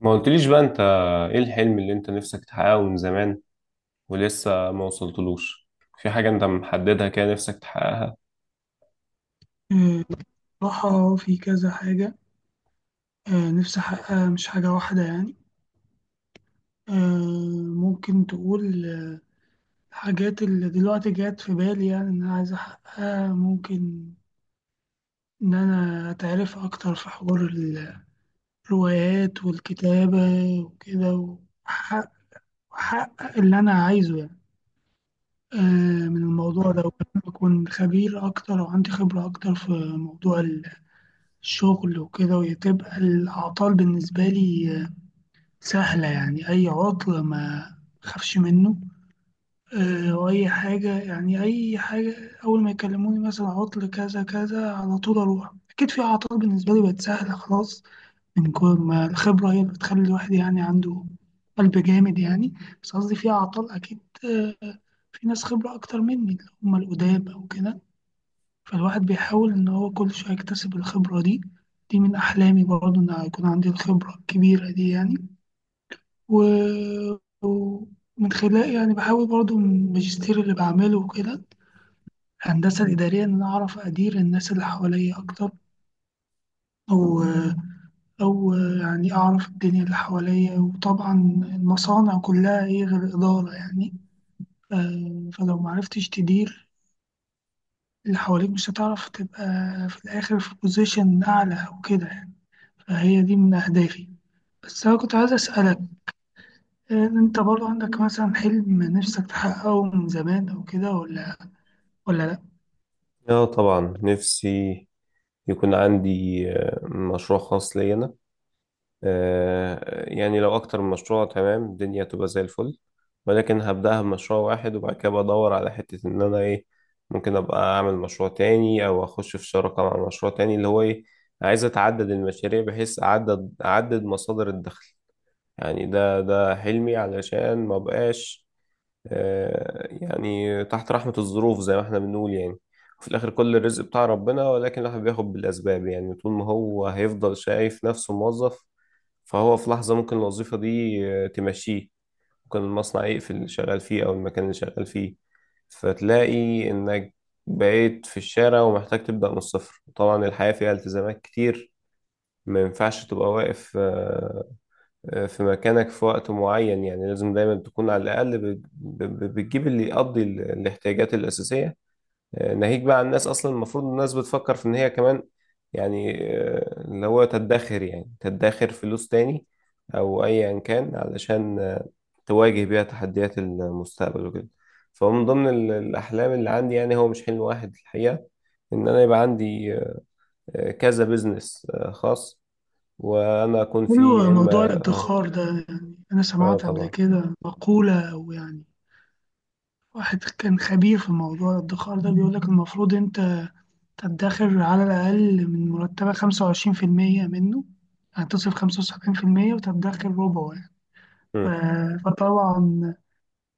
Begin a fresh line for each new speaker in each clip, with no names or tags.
ما قلتليش بقى انت، ايه الحلم اللي انت نفسك تحققه من زمان ولسه ما وصلتلوش؟ في حاجة انت محددها كده نفسك تحققها؟
آه، بصراحة في كذا حاجة. نفسي أحققها، مش حاجة واحدة يعني. ممكن تقول الحاجات اللي دلوقتي جات في بالي، يعني إن أنا عايز أحققها. ممكن إن أنا أتعرف أكتر في حوار الروايات والكتابة وكده، وأحقق وأحقق اللي أنا عايزه يعني. من الموضوع ده، وكمان أكون خبير أكتر وعندي خبرة أكتر في موضوع الشغل وكده، وتبقى الأعطال بالنسبة لي سهلة يعني. أي عطل ما خافش منه. وأي حاجة، يعني أي حاجة أول ما يكلموني مثلا عطل كذا كذا على طول أروح. أكيد في أعطال بالنسبة لي بقت سهلة خلاص، من كل ما الخبرة هي اللي بتخلي الواحد يعني عنده قلب جامد يعني. بس قصدي في أعطال أكيد. آه، في ناس خبرة أكتر مني اللي هم القدام أو كده. فالواحد بيحاول إن هو كل شوية يكتسب الخبرة دي. دي من أحلامي برضه، إن يكون عندي الخبرة الكبيرة دي يعني. و- ومن خلال، يعني بحاول برضو من الماجستير اللي بعمله وكده، الهندسة الإدارية، إن أنا أعرف أدير الناس اللي حواليا أكتر، أو أو يعني أعرف الدنيا اللي حواليا. وطبعا المصانع كلها إيه غير الإدارة يعني. فلو معرفتش تدير اللي حواليك مش هتعرف تبقى في الآخر في بوزيشن أعلى أو كده يعني. فهي دي من أهدافي. بس أنا كنت عايز أسألك، أنت برضو عندك مثلا حلم نفسك تحققه من زمان أو كده، ولا لأ؟
اه طبعا، نفسي يكون عندي مشروع خاص لي انا. يعني لو اكتر من مشروع تمام الدنيا تبقى زي الفل، ولكن هبدأها بمشروع واحد، وبعد كده بدور على حتة ان انا ايه، ممكن ابقى اعمل مشروع تاني او اخش في شراكة مع مشروع تاني اللي هو ايه، عايز اتعدد المشاريع بحيث اعدد مصادر الدخل. يعني ده حلمي علشان ما بقاش يعني تحت رحمة الظروف زي ما احنا بنقول يعني. وفي الآخر كل الرزق بتاع ربنا، ولكن الواحد بياخد بالأسباب يعني، طول ما هو هيفضل شايف نفسه موظف، فهو في لحظة ممكن الوظيفة دي تمشيه. ممكن المصنع يقفل اللي شغال فيه أو المكان اللي شغال فيه، فتلاقي إنك بقيت في الشارع ومحتاج تبدأ من الصفر. طبعا الحياة فيها التزامات كتير، ما ينفعش تبقى واقف في مكانك في وقت معين، يعني لازم دايما تكون على الأقل بتجيب اللي يقضي الاحتياجات الأساسية. ناهيك بقى عن الناس، أصلا المفروض الناس بتفكر في إن هي كمان يعني اللي هو تدخر، يعني تدخر فلوس تاني، أو أيا كان علشان تواجه بيها تحديات المستقبل وكده. فهو من ضمن الأحلام اللي عندي، يعني هو مش حلم واحد الحقيقة، إن أنا يبقى عندي كذا بيزنس خاص، وأنا أكون فيه
حلو
يا إما.
موضوع
آه،
الادخار ده يعني. أنا
آه،
سمعت قبل
طبعا.
كده مقولة، أو يعني واحد كان خبير في موضوع الادخار ده بيقول لك المفروض أنت تدخر على الأقل من مرتبك 25% منه، يعني تصرف 75% وتدخر ربعه يعني.
مم.
فطبعا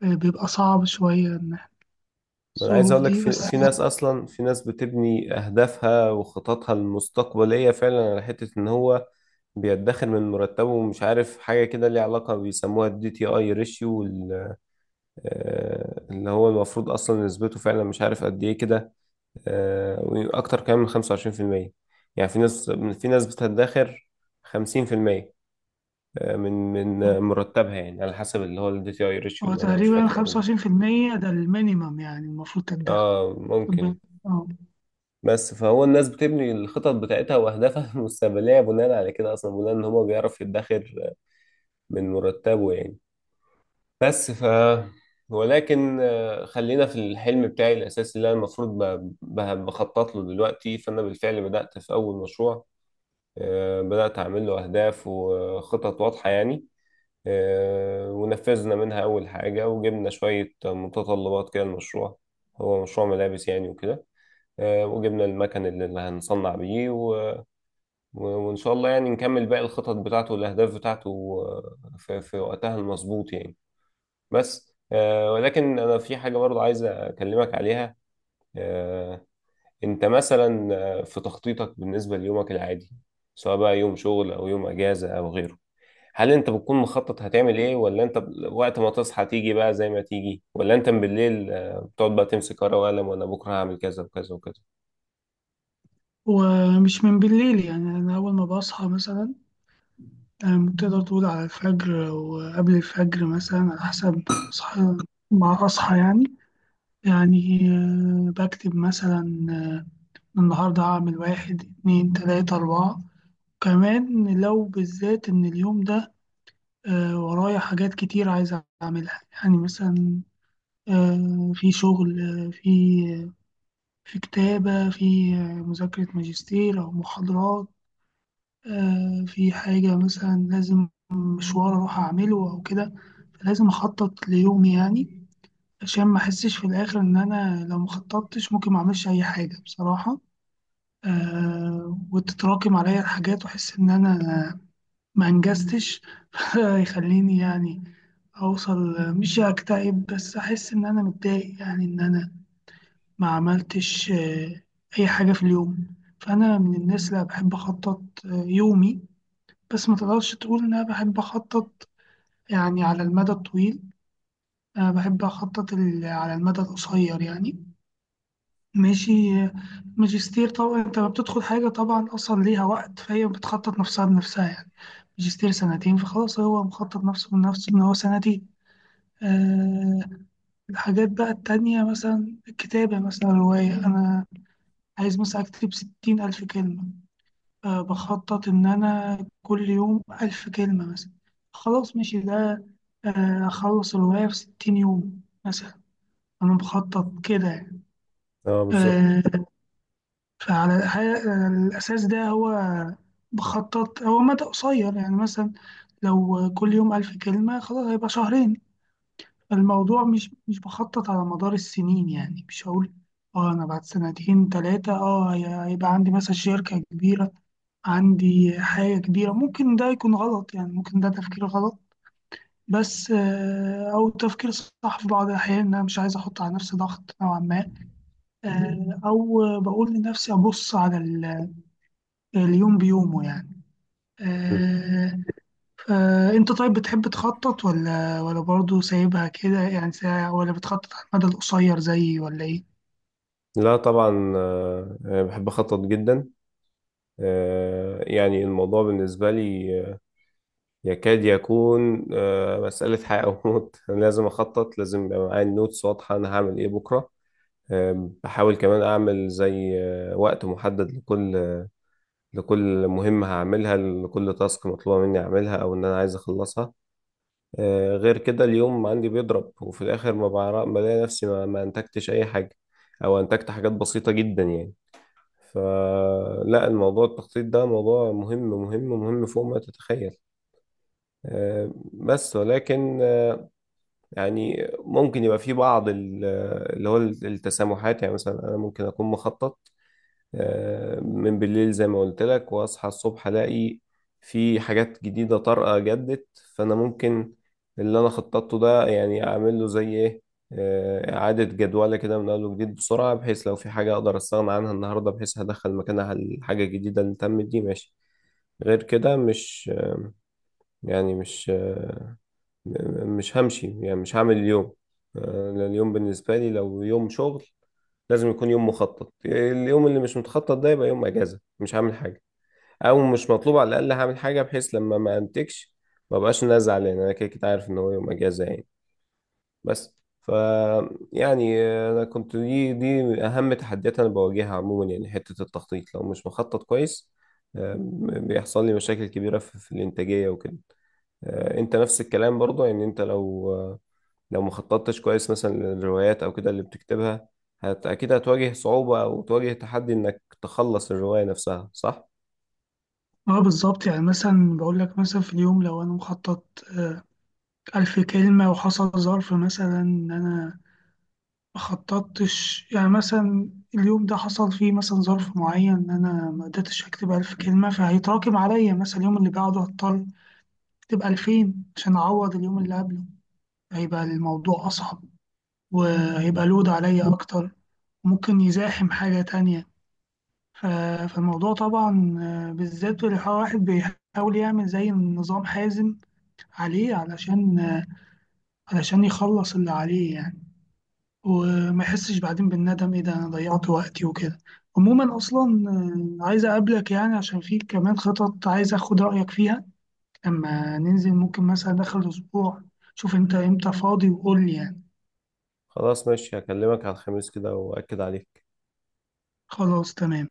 بيبقى صعب شوية إن إحنا
انا عايز
الظروف
اقول لك،
دي.
في
بس
في ناس، اصلا في ناس بتبني اهدافها وخططها المستقبليه فعلا على حته ان هو بيدخر من مرتبه، ومش عارف حاجه كده ليها علاقه بيسموها الدي تي اي ريشيو، اللي هو المفروض اصلا نسبته فعلا مش عارف قد ايه كده، واكتر كمان من 25%. يعني في ناس، في ناس بتدخر 50% من مرتبها، يعني على حسب اللي هو الدي تي اي ريشيو
هو
اللي انا مش
تقريبا
فاكره قوي.
25% ده المينيمم، يعني المفروض تدخر.
اه،
خد بالك.
ممكن.
آه.
بس فهو الناس بتبني الخطط بتاعتها واهدافها المستقبليه بناء على كده، اصلا بناء ان هو بيعرف يدخر من مرتبه يعني. بس ولكن خلينا في الحلم بتاعي الاساسي اللي انا المفروض بخطط له دلوقتي. فانا بالفعل بدات في اول مشروع، بدات اعمل له اهداف وخطط واضحه يعني. ونفذنا منها اول حاجه، وجبنا شويه متطلبات كده. المشروع هو مشروع ملابس يعني وكده. وجبنا المكن اللي هنصنع بيه، وإن شاء الله يعني نكمل باقي الخطط بتاعته والأهداف بتاعته في وقتها المظبوط يعني. بس، ولكن أنا في حاجة برضه عايز أكلمك عليها. آه، أنت مثلا في تخطيطك بالنسبة ليومك العادي، سواء بقى يوم شغل أو يوم أجازة أو غيره، هل أنت بتكون مخطط هتعمل إيه، ولا أنت وقت ما تصحى تيجي بقى زي ما تيجي، ولا أنت من بالليل بتقعد بقى تمسك ورقة وقلم وأنا بكرة هعمل كذا وكذا وكذا؟
ومش من بالليل يعني، أنا أول ما بصحى مثلا، يعني تقدر تقول على الفجر أو قبل الفجر مثلا على حسب أصحى، مع أصحى يعني. يعني بكتب مثلا آه، النهاردة هعمل واحد اتنين تلاتة أربعة. كمان لو بالذات إن اليوم ده ورايا حاجات كتير عايز أعملها، يعني مثلا في شغل، آه، في آه، في كتابة، في مذاكرة ماجستير أو محاضرات، في حاجة مثلا لازم مشوار أروح أعمله أو كده. فلازم أخطط ليومي يعني، عشان ما أحسش في الآخر إن أنا لو ما خططتش ممكن ما أعملش أي حاجة بصراحة. وتتراكم عليا الحاجات وأحس إن أنا ما أنجزتش. يخليني يعني أوصل، مش أكتئب بس أحس إن أنا متضايق، يعني إن أنا ما عملتش أي حاجة في اليوم. فأنا من الناس اللي بحب أخطط يومي. بس ما تقدرش تقول إن أنا بحب أخطط يعني على المدى الطويل. أنا بحب أخطط على المدى القصير يعني. ماشي. ماجستير طبعا أنت لما بتدخل حاجة طبعا أصلا ليها وقت، فهي بتخطط نفسها بنفسها يعني. ماجستير سنتين، فخلاص هو مخطط نفسه بنفسه إن هو سنتين. أه. الحاجات بقى التانية مثلا الكتابة، مثلا رواية أنا عايز مثلا أكتب 60,000 كلمة. بخطط إن أنا كل يوم 1,000 كلمة مثلا. خلاص ماشي ده، أخلص الرواية في 60 يوم مثلا. أنا بخطط كده يعني.
اه، بالظبط.
آه، فعلى الأساس ده، هو بخطط هو مدى قصير يعني، مثلا لو كل يوم 1,000 كلمة خلاص هيبقى شهرين. الموضوع مش بخطط على مدار السنين يعني. مش هقول اه انا بعد سنتين تلاتة هيبقى عندي مثلا شركة كبيرة، عندي حاجة كبيرة. ممكن ده يكون غلط، يعني ممكن ده تفكير غلط. بس أو تفكير صح في بعض الأحيان، إن أنا مش عايز أحط على نفسي ضغط نوعا ما. أو بقول لنفسي أبص على اليوم بيومه يعني.
مم.
آه، انت طيب بتحب تخطط ولا برضه سايبها كده، يعني ولا بتخطط على المدى القصير زيي ولا ايه؟
لا طبعا، بحب اخطط جدا. يعني الموضوع بالنسبة لي يكاد يكون مسألة حياة أو موت. أنا لازم أخطط، لازم يبقى معايا النوتس واضحة أنا هعمل إيه بكرة. بحاول كمان أعمل زي وقت محدد لكل مهمة هعملها، لكل تاسك مطلوبة مني أعملها أو إن أنا عايز أخلصها. غير كده اليوم عندي بيضرب، وفي الآخر ما بعرف، بلاقي نفسي ما أنتجتش أي حاجة، أو أنتجت حاجات بسيطة جدا يعني. فلا، الموضوع التخطيط ده موضوع مهم مهم مهم فوق ما تتخيل. بس ولكن يعني ممكن يبقى في بعض اللي هو التسامحات، يعني مثلا انا ممكن اكون مخطط من بالليل زي ما قلت لك، واصحى الصبح الاقي في حاجات جديدة طارئة جدت. فانا ممكن اللي انا خططته ده يعني اعمل له زي ايه، اعادة جدولة كده من اول وجديد بسرعة، بحيث لو في حاجة اقدر استغنى عنها النهاردة، بحيث هدخل مكانها الحاجة الجديدة اللي تمت دي، ماشي. غير كده مش، يعني مش، مش همشي، يعني مش هعمل اليوم، لأن اليوم بالنسبة لي لو يوم شغل لازم يكون يوم مخطط. اليوم اللي مش متخطط ده يبقى يوم اجازه، مش هعمل حاجه او مش مطلوب، على الاقل هعمل حاجه بحيث لما ما انتجش ما بقاش انا زعلان، انا كده كده عارف ان هو يوم اجازه يعني. بس يعني، انا كنت دي اهم تحديات انا بواجهها عموما يعني، حته التخطيط لو مش مخطط كويس بيحصل لي مشاكل كبيره في الانتاجيه وكده. انت نفس الكلام برضه يعني، انت لو ما خططتش كويس مثلا للروايات او كده اللي بتكتبها، اكيد هتواجه صعوبة او تواجه تحدي انك تخلص الرواية نفسها، صح؟
اه بالظبط. يعني مثلا بقول لك مثلا في اليوم لو انا مخطط آه، 1,000 كلمة وحصل ظرف، مثلا ان انا ما خططتش يعني. مثلا اليوم ده حصل فيه مثلا ظرف معين ان انا ما قدرتش اكتب 1,000 كلمة، فهيتراكم عليا مثلا اليوم اللي بعده. هضطر اكتب 2000 عشان اعوض اليوم اللي قبله، هيبقى الموضوع اصعب
مم.
وهيبقى لود عليا اكتر. ممكن يزاحم حاجة تانية. ف- فالموضوع طبعا بالذات لو واحد بيحاول يعمل زي نظام حازم عليه، علشان علشان يخلص اللي عليه يعني، وما يحسش بعدين بالندم ايه ده انا ضيعت وقتي وكده. عموما اصلا عايز اقابلك يعني عشان في كمان خطط عايز اخد رأيك فيها. لما ننزل ممكن مثلا داخل اسبوع، شوف انت امتى فاضي وقول لي يعني.
خلاص ماشي، هكلمك على الخميس كده واكد عليك.
خلاص تمام.